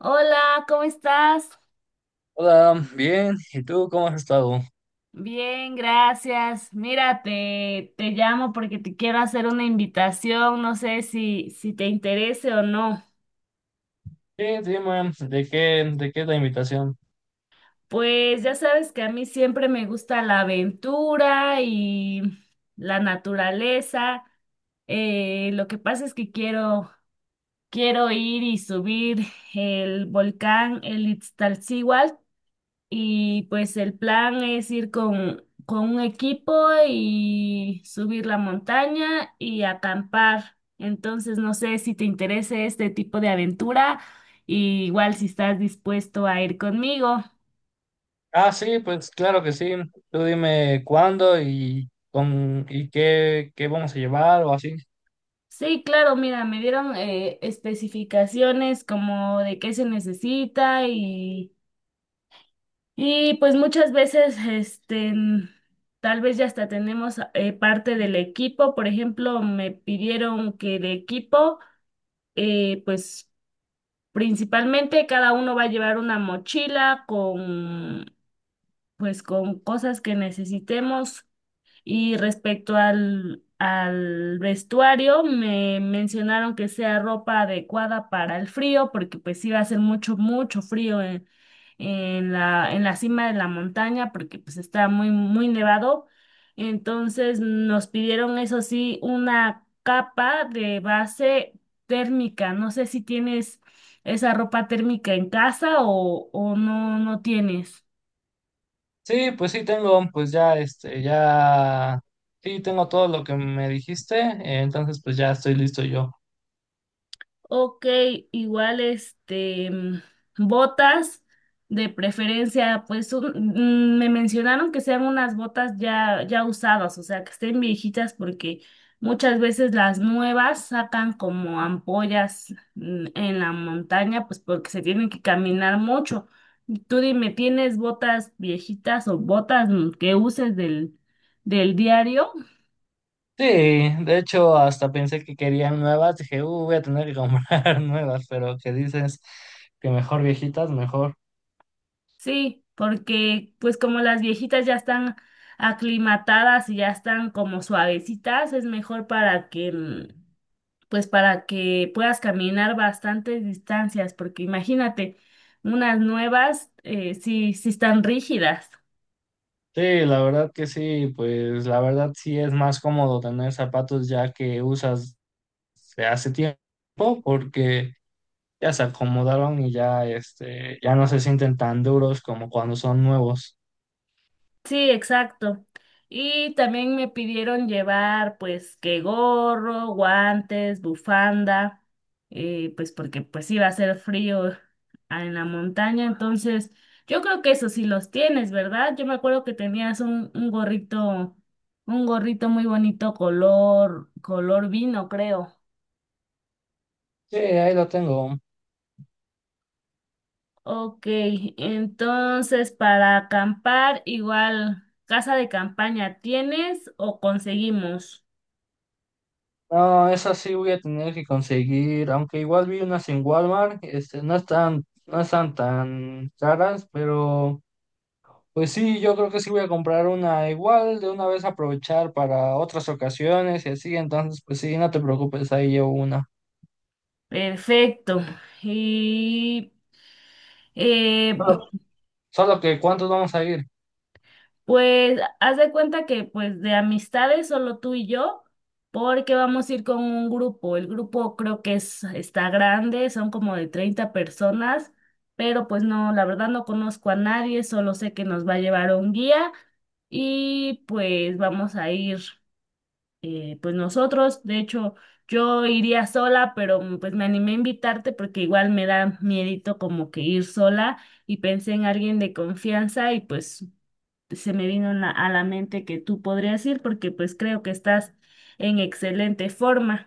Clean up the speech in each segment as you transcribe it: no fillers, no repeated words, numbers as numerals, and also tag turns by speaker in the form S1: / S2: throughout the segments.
S1: Hola, ¿cómo estás?
S2: Hola, bien. ¿Y tú cómo has estado?
S1: Bien, gracias. Mira, te llamo porque te quiero hacer una invitación, no sé si te interese o no.
S2: Sí, dime, ¿de qué la invitación.
S1: Pues ya sabes que a mí siempre me gusta la aventura y la naturaleza. Lo que pasa es que quiero ir y subir el volcán, el Iztaccíhuatl. Y pues el plan es ir con un equipo y subir la montaña y acampar. Entonces, no sé si te interesa este tipo de aventura, y igual si estás dispuesto a ir conmigo.
S2: Ah, sí, pues claro que sí. Tú dime cuándo y con y qué vamos a llevar o así.
S1: Sí, claro, mira, me dieron especificaciones como de qué se necesita y pues muchas veces, este, tal vez ya hasta tenemos parte del equipo. Por ejemplo, me pidieron que el equipo eh, pues principalmente cada uno va a llevar una mochila con, pues, con cosas que necesitemos y respecto al vestuario, me mencionaron que sea ropa adecuada para el frío, porque pues sí va a hacer mucho, mucho frío en la cima de la montaña, porque pues está muy, muy nevado. Entonces nos pidieron, eso sí, una capa de base térmica. No sé si tienes esa ropa térmica en casa o no tienes.
S2: Sí, pues sí tengo, pues ya este, ya sí tengo todo lo que me dijiste, entonces pues ya estoy listo yo.
S1: Ok, igual este botas de preferencia, me mencionaron que sean unas botas ya usadas, o sea, que estén viejitas porque muchas veces las nuevas sacan como ampollas en la montaña, pues porque se tienen que caminar mucho. Tú dime, ¿tienes botas viejitas o botas que uses del diario?
S2: Sí, de hecho hasta pensé que querían nuevas, dije, voy a tener que comprar nuevas, pero que dices que mejor viejitas, mejor.
S1: Sí, porque pues como las viejitas ya están aclimatadas y ya están como suavecitas, es mejor para que pues para que puedas caminar bastantes distancias, porque imagínate, unas nuevas sí están rígidas.
S2: Sí, la verdad que sí, pues la verdad sí es más cómodo tener zapatos ya que usas de hace tiempo porque ya se acomodaron y ya este ya no se sienten tan duros como cuando son nuevos.
S1: Sí, exacto. Y también me pidieron llevar pues que gorro, guantes, bufanda, pues porque pues iba a ser frío en la montaña. Entonces, yo creo que eso sí los tienes, ¿verdad? Yo me acuerdo que tenías un gorrito, un gorrito muy bonito color, color vino, creo.
S2: Sí, ahí lo tengo.
S1: Ok, entonces para acampar, igual, casa de campaña, ¿tienes o conseguimos?
S2: No, esas sí voy a tener que conseguir, aunque igual vi unas en Walmart, este no están tan caras. Pero pues sí, yo creo que sí voy a comprar una igual, de una vez aprovechar para otras ocasiones y así, entonces pues sí, no te preocupes, ahí llevo una.
S1: Perfecto. Y eh,
S2: Solo solo que ¿cuántos vamos a ir?
S1: pues haz de cuenta que pues de amistades solo tú y yo, porque vamos a ir con un grupo. El grupo creo está grande, son como de 30 personas, pero pues no, la verdad no conozco a nadie, solo sé que nos va a llevar un guía y pues vamos a ir. Pues nosotros. De hecho, yo iría sola, pero pues me animé a invitarte porque igual me da miedito como que ir sola y pensé en alguien de confianza y pues se me vino a la mente que tú podrías ir porque pues creo que estás en excelente forma.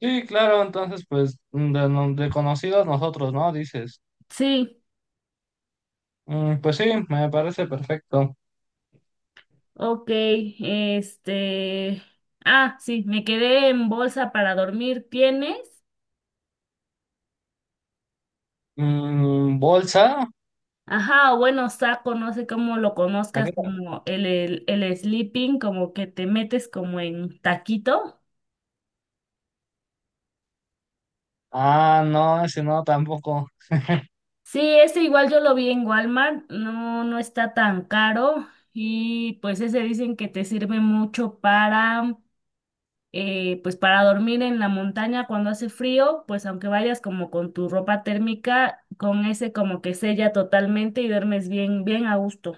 S2: Sí, claro, entonces pues mm, de conocidos nosotros, ¿no? Dices.
S1: Sí,
S2: Mm, pues sí, me parece perfecto.
S1: ok, este... Ah, sí, me quedé en bolsa para dormir. ¿Tienes?
S2: Mm, ¿bolsa?
S1: Ajá, o bueno, saco, no sé cómo lo
S2: ¿La
S1: conozcas,
S2: qué?
S1: como el sleeping, como que te metes como en taquito.
S2: Ah, no, ese no, tampoco.
S1: Sí, ese igual yo lo vi en Walmart, no está tan caro y pues ese dicen que te sirve mucho para, pues para dormir en la montaña cuando hace frío, pues aunque vayas como con tu ropa térmica, con ese como que sella totalmente y duermes bien, bien a gusto.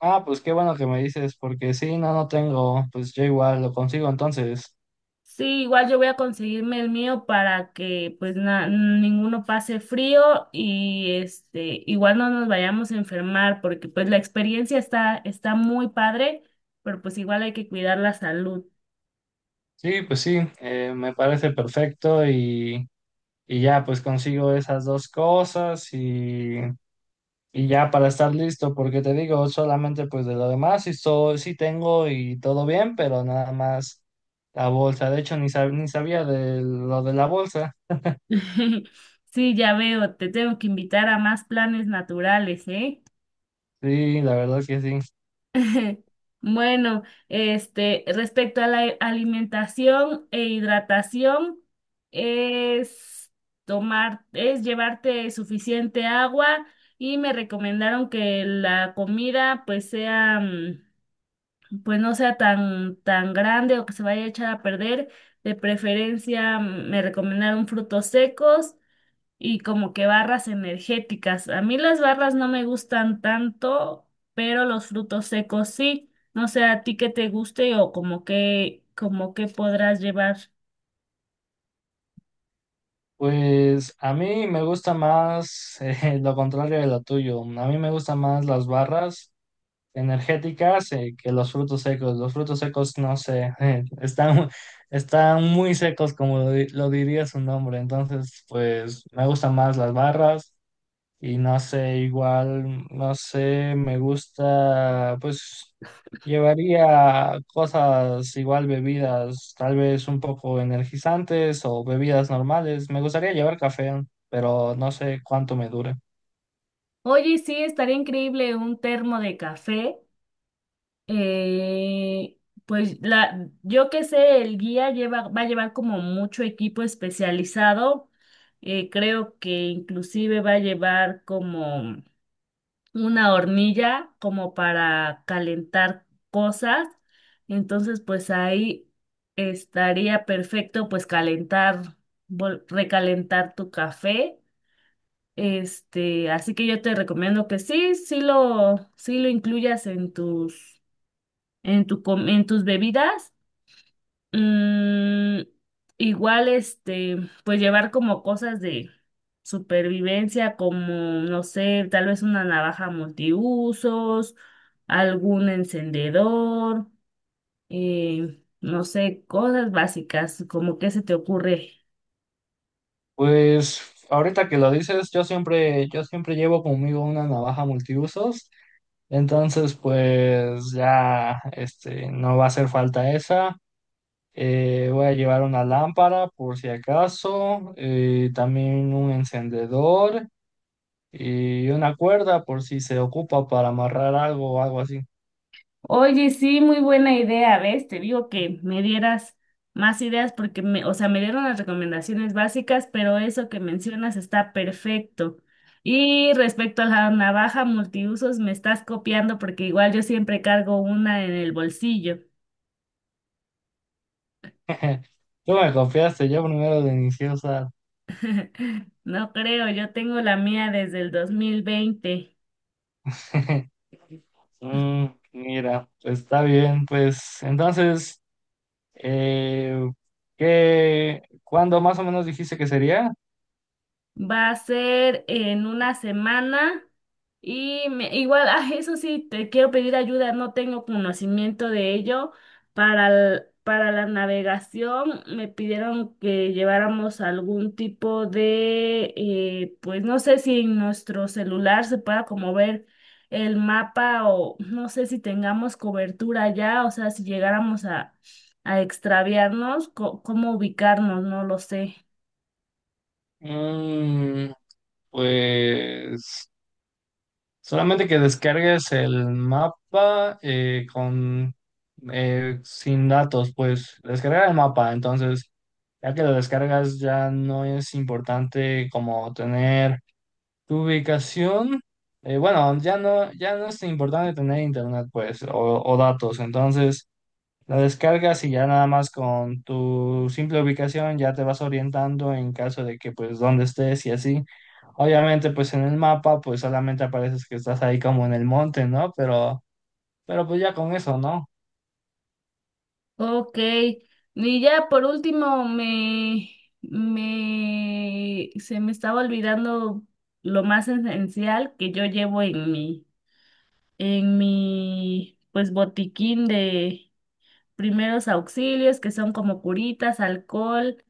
S2: Ah, pues qué bueno que me dices, porque sí, no, no tengo, pues yo igual lo consigo entonces.
S1: Sí, igual yo voy a conseguirme el mío para que pues ninguno pase frío y este igual no nos vayamos a enfermar porque pues la experiencia está muy padre, pero pues igual hay que cuidar la salud.
S2: Sí, pues sí, me parece perfecto. Y y ya pues consigo esas dos cosas y ya para estar listo, porque te digo, solamente pues de lo demás sí, sí tengo y todo bien, pero nada más la bolsa. De hecho ni sabía de lo de la bolsa,
S1: Sí, ya veo, te tengo que invitar a más planes naturales, ¿eh?
S2: sí, la verdad que sí.
S1: Bueno, este, respecto a la alimentación e hidratación, es tomar, es llevarte suficiente agua y me recomendaron que la comida pues sea, pues no sea tan, tan grande o que se vaya a echar a perder. De preferencia, me recomendaron frutos secos y como que barras energéticas. A mí las barras no me gustan tanto, pero los frutos secos sí. No sé a ti qué te guste o como que podrás llevar.
S2: Pues a mí me gusta más lo contrario de lo tuyo, a mí me gustan más las barras energéticas que los frutos secos. Los frutos secos, no sé, están, están muy secos, como lo diría su nombre. Entonces, pues me gustan más las barras y no sé, igual, no sé, me gusta, pues llevaría cosas igual, bebidas, tal vez un poco energizantes o bebidas normales. Me gustaría llevar café, pero no sé cuánto me dure.
S1: Oye, sí, estaría increíble un termo de café. Eh, pues la, yo que sé, va a llevar como mucho equipo especializado. Creo que inclusive va a llevar como una hornilla como para calentar cosas. Entonces, pues ahí estaría perfecto pues recalentar tu café. Este, así que yo te recomiendo sí lo incluyas en tus, en tus bebidas. Mm, Igual, este, pues llevar como cosas de supervivencia, como, no sé, tal vez una navaja multiusos, algún encendedor, no sé, cosas básicas, como qué se te ocurre.
S2: Pues ahorita que lo dices, yo siempre llevo conmigo una navaja multiusos, entonces pues ya este, no va a hacer falta esa. Voy a llevar una lámpara por si acaso, también un encendedor y una cuerda por si se ocupa para amarrar algo o algo así.
S1: Oye, sí, muy buena idea, ¿ves? Te digo que me dieras más ideas porque o sea, me dieron las recomendaciones básicas, pero eso que mencionas está perfecto. Y respecto a la navaja multiusos, me estás copiando porque igual yo siempre cargo una en el bolsillo.
S2: Tú me confiaste, yo primero de iniciosa.
S1: No creo, yo tengo la mía desde el 2020.
S2: Mm, mira, pues está bien, pues entonces... Eh, ¿qué- cuándo más o menos dijiste que sería?
S1: Va a ser en una semana y eso sí, te quiero pedir ayuda, no tengo conocimiento de ello. Para, para la navegación me pidieron que lleváramos algún tipo de, pues no sé si en nuestro celular se pueda como ver el mapa o no sé si tengamos cobertura ya, o sea, si llegáramos a extraviarnos, cómo ubicarnos, no lo sé.
S2: Mm, pues solamente que descargues el mapa con sin datos, pues descargar el mapa. Entonces, ya que lo descargas, ya no es importante como tener tu ubicación. Bueno, ya no es importante tener internet, pues, o datos. Entonces la descargas y ya nada más con tu simple ubicación ya te vas orientando en caso de que pues dónde estés y así. Obviamente pues en el mapa pues solamente apareces que estás ahí como en el monte, ¿no? Pero pues ya con eso, ¿no?
S1: Ok, y ya por último me se me estaba olvidando lo más esencial que yo llevo en en mi pues botiquín de primeros auxilios, que son como curitas, alcohol,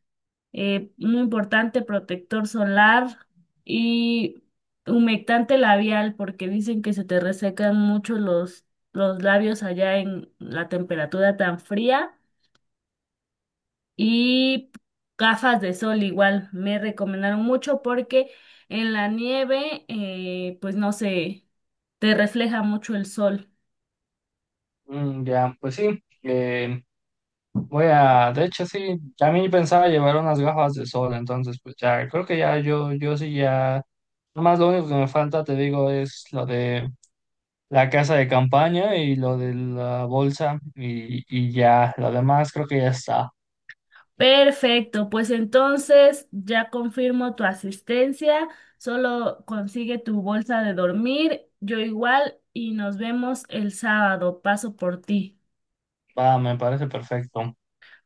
S1: muy importante protector solar y humectante labial, porque dicen que se te resecan mucho los labios allá en la temperatura tan fría. Y gafas de sol igual me recomendaron mucho porque en la nieve, pues no sé, te refleja mucho el sol.
S2: Mm, ya, pues sí. Voy a, de hecho sí, también pensaba llevar unas gafas de sol, entonces pues ya, creo que ya yo sí ya, nomás lo único que me falta, te digo, es lo de la casa de campaña y lo de la bolsa, y ya, lo demás creo que ya está.
S1: Perfecto, pues entonces ya confirmo tu asistencia, solo consigue tu bolsa de dormir, yo igual y nos vemos el sábado, paso por ti.
S2: Va, me parece perfecto.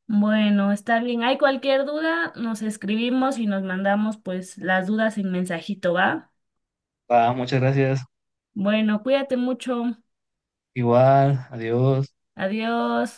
S1: Bueno, está bien, hay cualquier duda, nos escribimos y nos mandamos pues las dudas en mensajito, ¿va?
S2: Va, muchas gracias.
S1: Bueno, cuídate mucho.
S2: Igual, adiós.
S1: Adiós.